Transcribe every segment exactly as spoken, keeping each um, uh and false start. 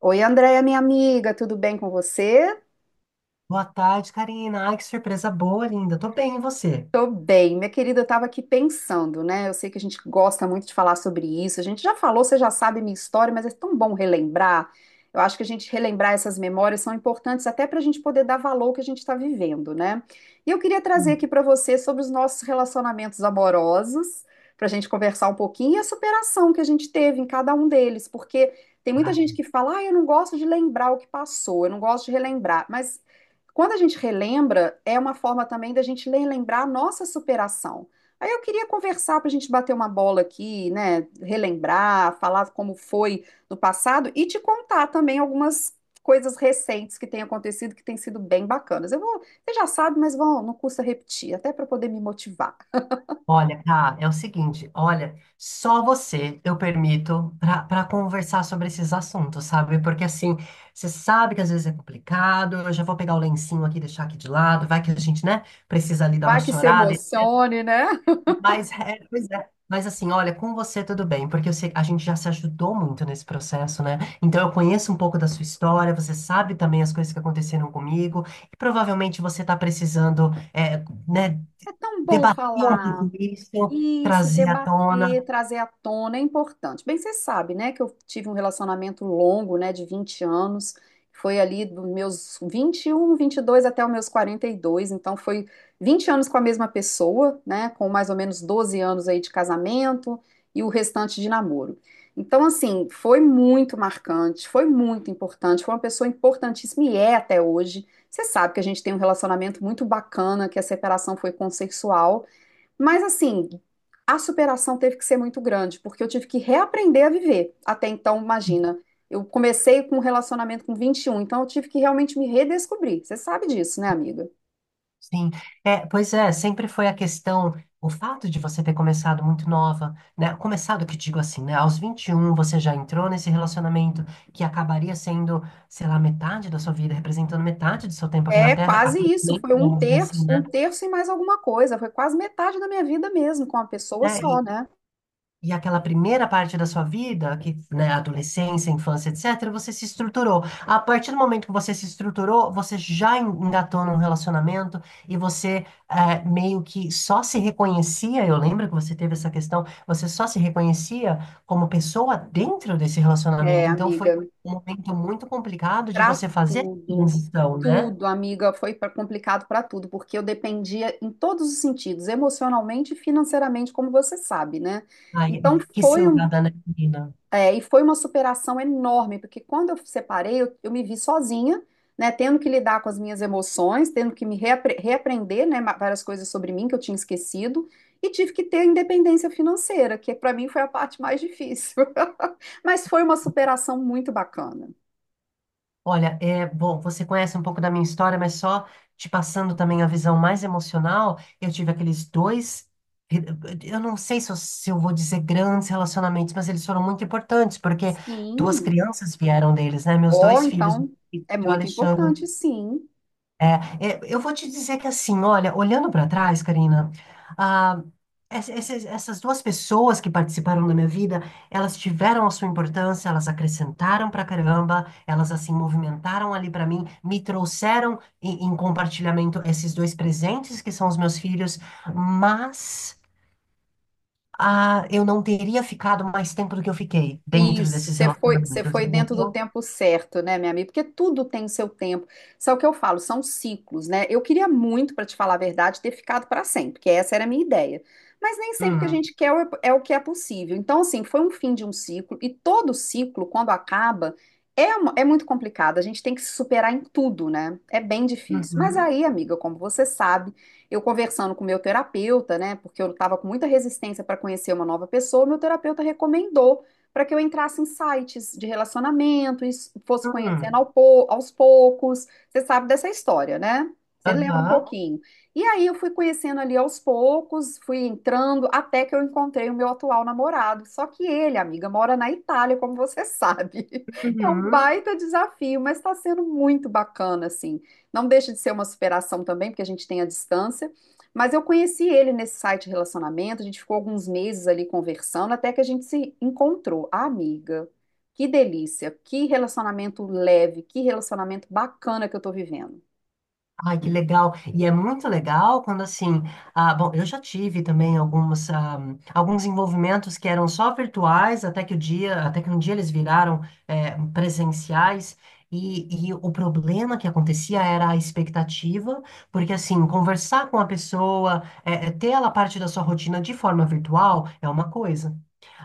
Oi, Andréia, minha amiga, tudo bem com você? Boa tarde, Karina. Ai, que surpresa boa, linda. Tô bem, e você? Tô bem, minha querida, eu tava aqui pensando, né? Eu sei que a gente gosta muito de falar sobre isso. A gente já falou, você já sabe minha história, mas é tão bom relembrar. Eu acho que a gente relembrar essas memórias são importantes até para a gente poder dar valor ao que a gente está vivendo, né? E eu queria trazer aqui para você sobre os nossos relacionamentos amorosos, para a gente conversar um pouquinho e a superação que a gente teve em cada um deles, porque tem muita gente Ah, que fala, ah, eu não gosto de lembrar o que passou, eu não gosto de relembrar, mas quando a gente relembra, é uma forma também da gente relembrar a nossa superação. Aí eu queria conversar para a gente bater uma bola aqui, né? Relembrar, falar como foi no passado e te contar também algumas coisas recentes que têm acontecido que têm sido bem bacanas. Eu vou, você já sabe, mas vão, não custa repetir, até para poder me motivar. olha, tá, é o seguinte, olha, só você eu permito pra para conversar sobre esses assuntos, sabe? Porque assim, você sabe que às vezes é complicado, eu já vou pegar o lencinho aqui, deixar aqui de lado, vai que a gente, né, precisa ali dar uma Vai que se chorada. emocione, né? Mas, é, pois é. Mas assim, olha, com você tudo bem, porque eu sei- a gente já se ajudou muito nesse processo, né? Então eu conheço um pouco da sua história, você sabe também as coisas que aconteceram comigo, e provavelmente você está precisando, é, né, É tão bom debater um falar. pouco isso, Isso, trazer à tona. debater, trazer à tona é importante. Bem, você sabe, né, que eu tive um relacionamento longo, né, de vinte anos, foi ali dos meus vinte vinte e um, vinte e dois até os meus quarenta e dois. Então foi vinte anos com a mesma pessoa, né, com mais ou menos doze anos aí de casamento e o restante de namoro. Então, assim, foi muito marcante, foi muito importante, foi uma pessoa importantíssima e é até hoje. Você sabe que a gente tem um relacionamento muito bacana, que a separação foi consensual, mas assim, a superação teve que ser muito grande, porque eu tive que reaprender a viver. Até então, imagina, eu comecei com um relacionamento com vinte e um, então eu tive que realmente me redescobrir. Você sabe disso, né, amiga? Sim, é, pois é, sempre foi a questão, o fato de você ter começado muito nova, né? Começado, que digo assim, né? Aos vinte e um você já entrou nesse relacionamento que acabaria sendo, sei lá, metade da sua vida, representando metade do seu tempo aqui na É Terra, quase até, isso, foi um vamos dizer terço, assim, um né? terço e mais alguma coisa, foi quase metade da minha vida mesmo, com uma pessoa Né, só, né? e aquela primeira parte da sua vida, que, né, adolescência, infância, etcétera, você se estruturou. A partir do momento que você se estruturou, você já engatou num relacionamento e você eh, meio que só se reconhecia. Eu lembro que você teve essa questão, você só se reconhecia como pessoa dentro desse É, relacionamento. Então foi amiga, um momento muito complicado de pra você fazer a tudo, transição, né? tudo, amiga, foi pra- complicado pra tudo, porque eu dependia em todos os sentidos, emocionalmente e financeiramente, como você sabe, né? Ai, Então que foi um. cilada, né, menina? É, e foi uma superação enorme, porque quando eu separei, eu, eu me vi sozinha, né, tendo que lidar com as minhas emoções, tendo que me reapre- reaprender, né, ma- várias coisas sobre mim que eu tinha esquecido, e tive que ter independência financeira, que para mim foi a parte mais difícil. Mas foi uma superação muito bacana. Olha, é bom, você conhece um pouco da minha história, mas só te passando também a visão mais emocional, eu tive aqueles dois, eu não sei se eu, se eu vou dizer grandes relacionamentos, mas eles foram muito importantes, porque duas Sim. crianças vieram deles, né? Meus Ó, dois filhos, então é o muito Alexandre importante, sim. é, é, eu vou te dizer que assim, olha, olhando para trás, Karina, ah, ess- esses- essas duas pessoas que participaram da minha vida, elas tiveram a sua importância, elas acrescentaram pra caramba, elas assim movimentaram ali pra mim, me trouxeram em, em compartilhamento esses dois presentes que são os meus filhos, mas ah, eu não teria ficado mais tempo do que eu fiquei dentro Isso, desses você foi, você relacionamentos, foi dentro do entendeu? tempo certo, né, minha amiga? Porque tudo tem o seu tempo. Só que eu falo, são ciclos, né? Eu queria muito, para te falar a verdade, ter ficado para sempre, porque essa era a minha ideia. Mas nem sempre que a Hum. gente quer é o é o que é possível. Então, assim, foi um fim de um ciclo, e todo ciclo, quando acaba, é, uma- é muito complicado. A gente tem que se superar em tudo, né? É bem difícil. Mas Uhum. aí, amiga, como você sabe, eu conversando com o meu terapeuta, né? Porque eu estava com muita resistência para conhecer uma nova pessoa, meu terapeuta recomendou para que eu entrasse em sites de relacionamento, e fosse conhecendo Hum. ao pou- aos poucos. Você sabe dessa história, né? Você lembra um Aham. pouquinho. E aí eu fui conhecendo ali aos poucos, fui entrando até que eu encontrei o meu atual namorado. Só que ele, amiga, mora na Itália, como você sabe. É um Uhum. baita desafio, mas está sendo muito bacana, assim. Não deixa de ser uma superação também, porque a gente tem a distância. Mas eu conheci ele nesse site de relacionamento, a gente ficou alguns meses ali conversando, até que a gente se encontrou. Ah, amiga, que delícia, que relacionamento leve, que relacionamento bacana que eu tô vivendo. Ai, que legal. E é muito legal quando assim, ah, bom, eu já tive também algumas, ah, alguns envolvimentos que eram só virtuais, até que o dia, até que um dia eles viraram, eh, presenciais. E, e o problema que acontecia era a expectativa, porque assim, conversar com a pessoa, eh, ter ela parte da sua rotina de forma virtual é uma coisa.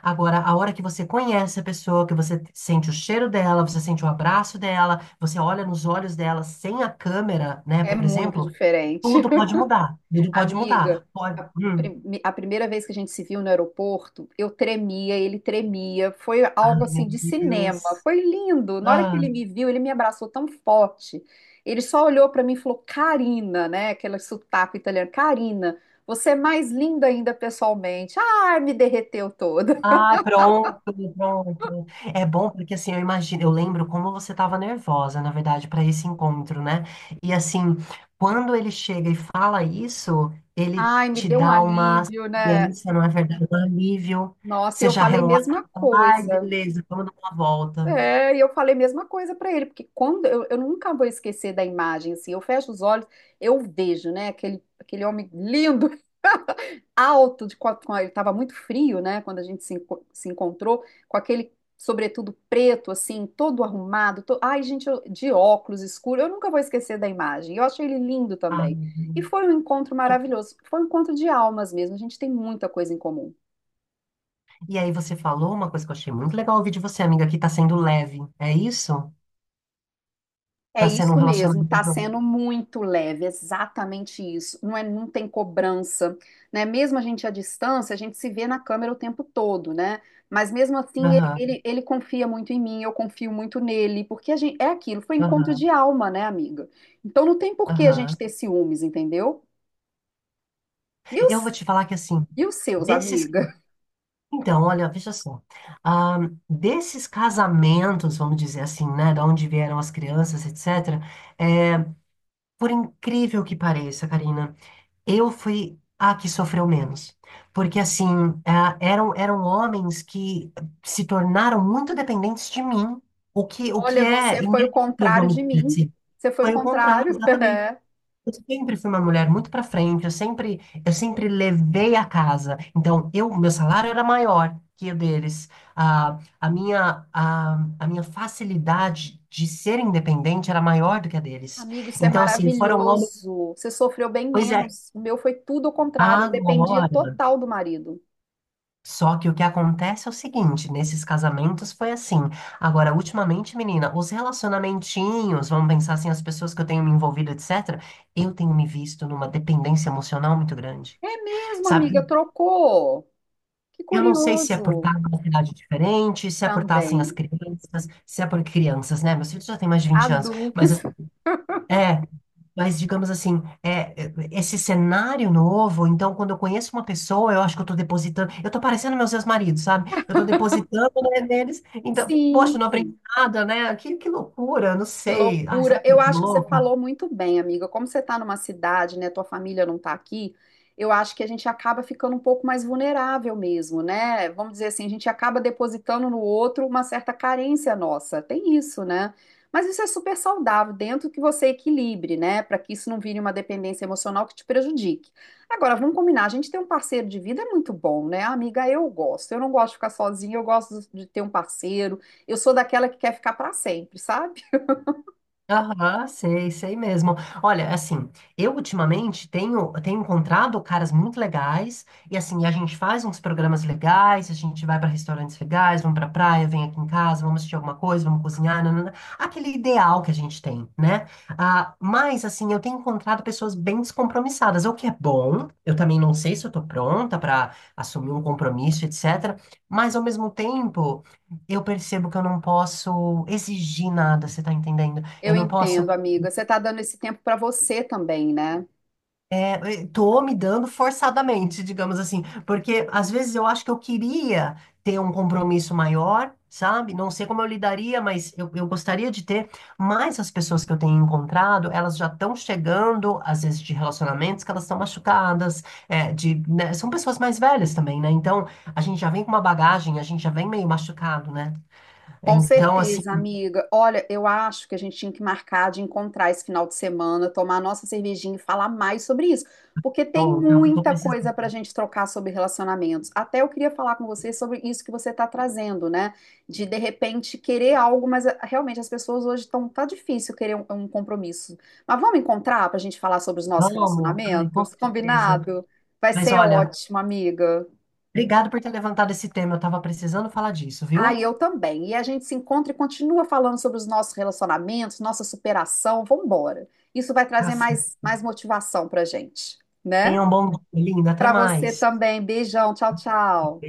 Agora, a hora que você conhece a pessoa, que você sente o cheiro dela, você sente o abraço dela, você olha nos olhos dela sem a câmera, né, É por muito exemplo, diferente. tudo pode mudar. Tudo pode mudar. Amiga, Pode... a, Hum. prime- a primeira vez que a gente se viu no aeroporto, eu tremia, ele tremia, foi algo Ai, meu assim de cinema, Deus. foi lindo. Na hora que Ah. ele me viu, ele me abraçou tão forte. Ele só olhou pra mim e falou: Karina, né? Aquele sotaque italiano, Karina, você é mais linda ainda pessoalmente. Ai, me derreteu toda. Ah, pronto, pronto. É bom porque assim, eu imagino, eu lembro como você estava nervosa, na verdade, para esse encontro, né? E assim, quando ele chega e fala isso, ele Ai, me te deu um dá uma alívio, né? segurança, não é verdade? Um alívio. Nossa, e Você eu já falei a relaxa, mesma fala, ai, coisa. beleza, vamos dar uma volta. É, e eu falei a mesma coisa para ele, porque quando eu, eu nunca vou esquecer da imagem, assim, eu fecho os olhos, eu vejo, né, aquele, aquele homem lindo, alto, de, quatro com ele estava muito frio, né, quando a gente se, enco- se encontrou, com aquele sobretudo preto, assim, todo arrumado, to- ai, gente, eu- de óculos escuro, eu nunca vou esquecer da imagem, eu achei ele lindo também. Ai, E foi um encontro que- maravilhoso, foi um encontro de almas mesmo, a gente tem muita coisa em comum. e aí você falou uma coisa que eu achei muito legal ouvir de você, amiga, que tá sendo leve. É isso? É Tá sendo um isso mesmo, tá relacionamento. sendo muito leve, exatamente isso. Não é, não tem cobrança, né? Mesmo a gente à distância, a gente se vê na câmera o tempo todo, né? Mas mesmo assim, ele, Aham, ele, ele confia muito em mim, eu confio muito nele, porque a gente, é aquilo, foi encontro aham, de alma, né, amiga? Então não tem por que a aham. gente ter ciúmes, entendeu? E Eu vou os, te falar que assim, e os seus, desses. amiga? Então, olha, veja só. Ah, desses casamentos, vamos dizer assim, né? Da onde vieram as crianças, etcétera É, por incrível que pareça, Karina, eu fui a que sofreu menos. Porque, assim, ah, eram, eram homens que se tornaram muito dependentes de mim, o que, o que Olha, é você foi o inédito, contrário vamos de dizer mim. assim. Você foi o Foi o contrário, contrário. exatamente. Eu sempre fui uma mulher muito pra frente, eu sempre, eu sempre levei a casa. Então, eu, meu salário era maior que o deles. Ah, a minha, a, a minha facilidade de ser independente era maior do que a deles. Amigo, isso é Então, assim, foram homens. maravilhoso. Você sofreu bem Pois é, menos. O meu foi tudo o contrário. Eu dependia agora. total do marido. Só que o que acontece é o seguinte, nesses casamentos foi assim. Agora, ultimamente, menina, os relacionamentinhos, vamos pensar assim, as pessoas que eu tenho me envolvido, etcétera, eu tenho me visto numa dependência emocional muito grande. É mesmo, Sabe? amiga, trocou. Que Eu não sei se é por curioso. estar numa cidade diferente, se é por estar sem as Também. crianças, se é por crianças, né? Meus filhos já têm mais de vinte anos, mas Adultos. assim, é, mas digamos assim, é, é, esse cenário novo, então quando eu conheço uma pessoa, eu acho que eu estou depositando, eu estou parecendo meus ex-maridos, sabe? Eu estou depositando, né, neles, então, poxa, Sim, não aprendi nada, né? Que, que loucura, não que sei. Ai, será loucura. que Eu eu tô acho que você louco? falou muito bem, amiga. Como você está numa cidade, né? Tua família não está aqui, eu acho que a gente acaba ficando um pouco mais vulnerável mesmo, né? Vamos dizer assim, a gente acaba depositando no outro uma certa carência nossa. Tem isso, né? Mas isso é super saudável, dentro que você equilibre, né? Para que isso não vire uma dependência emocional que te prejudique. Agora, vamos combinar, a gente ter um parceiro de vida é muito bom, né? Amiga, eu gosto. Eu não gosto de ficar sozinha, eu gosto de ter um parceiro. Eu sou daquela que quer ficar para sempre, sabe? Aham, sei, sei mesmo. Olha, assim, eu ultimamente tenho, tenho encontrado caras muito legais, e assim, a gente faz uns programas legais, a gente vai para restaurantes legais, vamos pra praia, vem aqui em casa, vamos assistir alguma coisa, vamos cozinhar, nanana, aquele ideal que a gente tem, né? Ah, mas, assim, eu tenho encontrado pessoas bem descompromissadas, o que é bom, eu também não sei se eu tô pronta para assumir um compromisso, etcétera, mas ao mesmo tempo, eu percebo que eu não posso exigir nada, você tá entendendo? Eu Eu não posso. entendo, amiga. Você está dando esse tempo para você também, né? É, eu tô me dando forçadamente, digamos assim, porque às vezes eu acho que eu queria ter um compromisso maior, sabe? Não sei como eu lidaria, mas eu, eu gostaria de ter. Mas as pessoas que eu tenho encontrado, elas já estão chegando, às vezes, de relacionamentos que elas estão machucadas, é, de, né, são pessoas mais velhas também, né? Então a gente já vem com uma bagagem, a gente já vem meio machucado, né? Com Então, assim, certeza, amiga. Olha, eu acho que a gente tinha que marcar de encontrar esse final de semana, tomar nossa cervejinha e falar mais sobre isso, porque tem pronto, eu tô muita coisa para a precisando. gente trocar sobre relacionamentos. Até eu queria falar com você sobre isso que você está trazendo, né? De de repente querer algo, mas ah, realmente as pessoas hoje estão tá difícil querer um, um compromisso. Mas vamos encontrar para a gente falar sobre os nossos Vamos, ai, com relacionamentos, certeza. combinado? Vai Mas ser olha, ótimo, amiga. obrigado por ter levantado esse tema. Eu estava precisando falar disso, Ah, e viu? eu também. E a gente se encontra e continua falando sobre os nossos relacionamentos, nossa superação. Vamos embora. Isso vai Tá trazer certo. mais, mais motivação para gente, né? Tenha um bom dia, linda. Até Para você mais. também. Beijão. Tchau, tchau.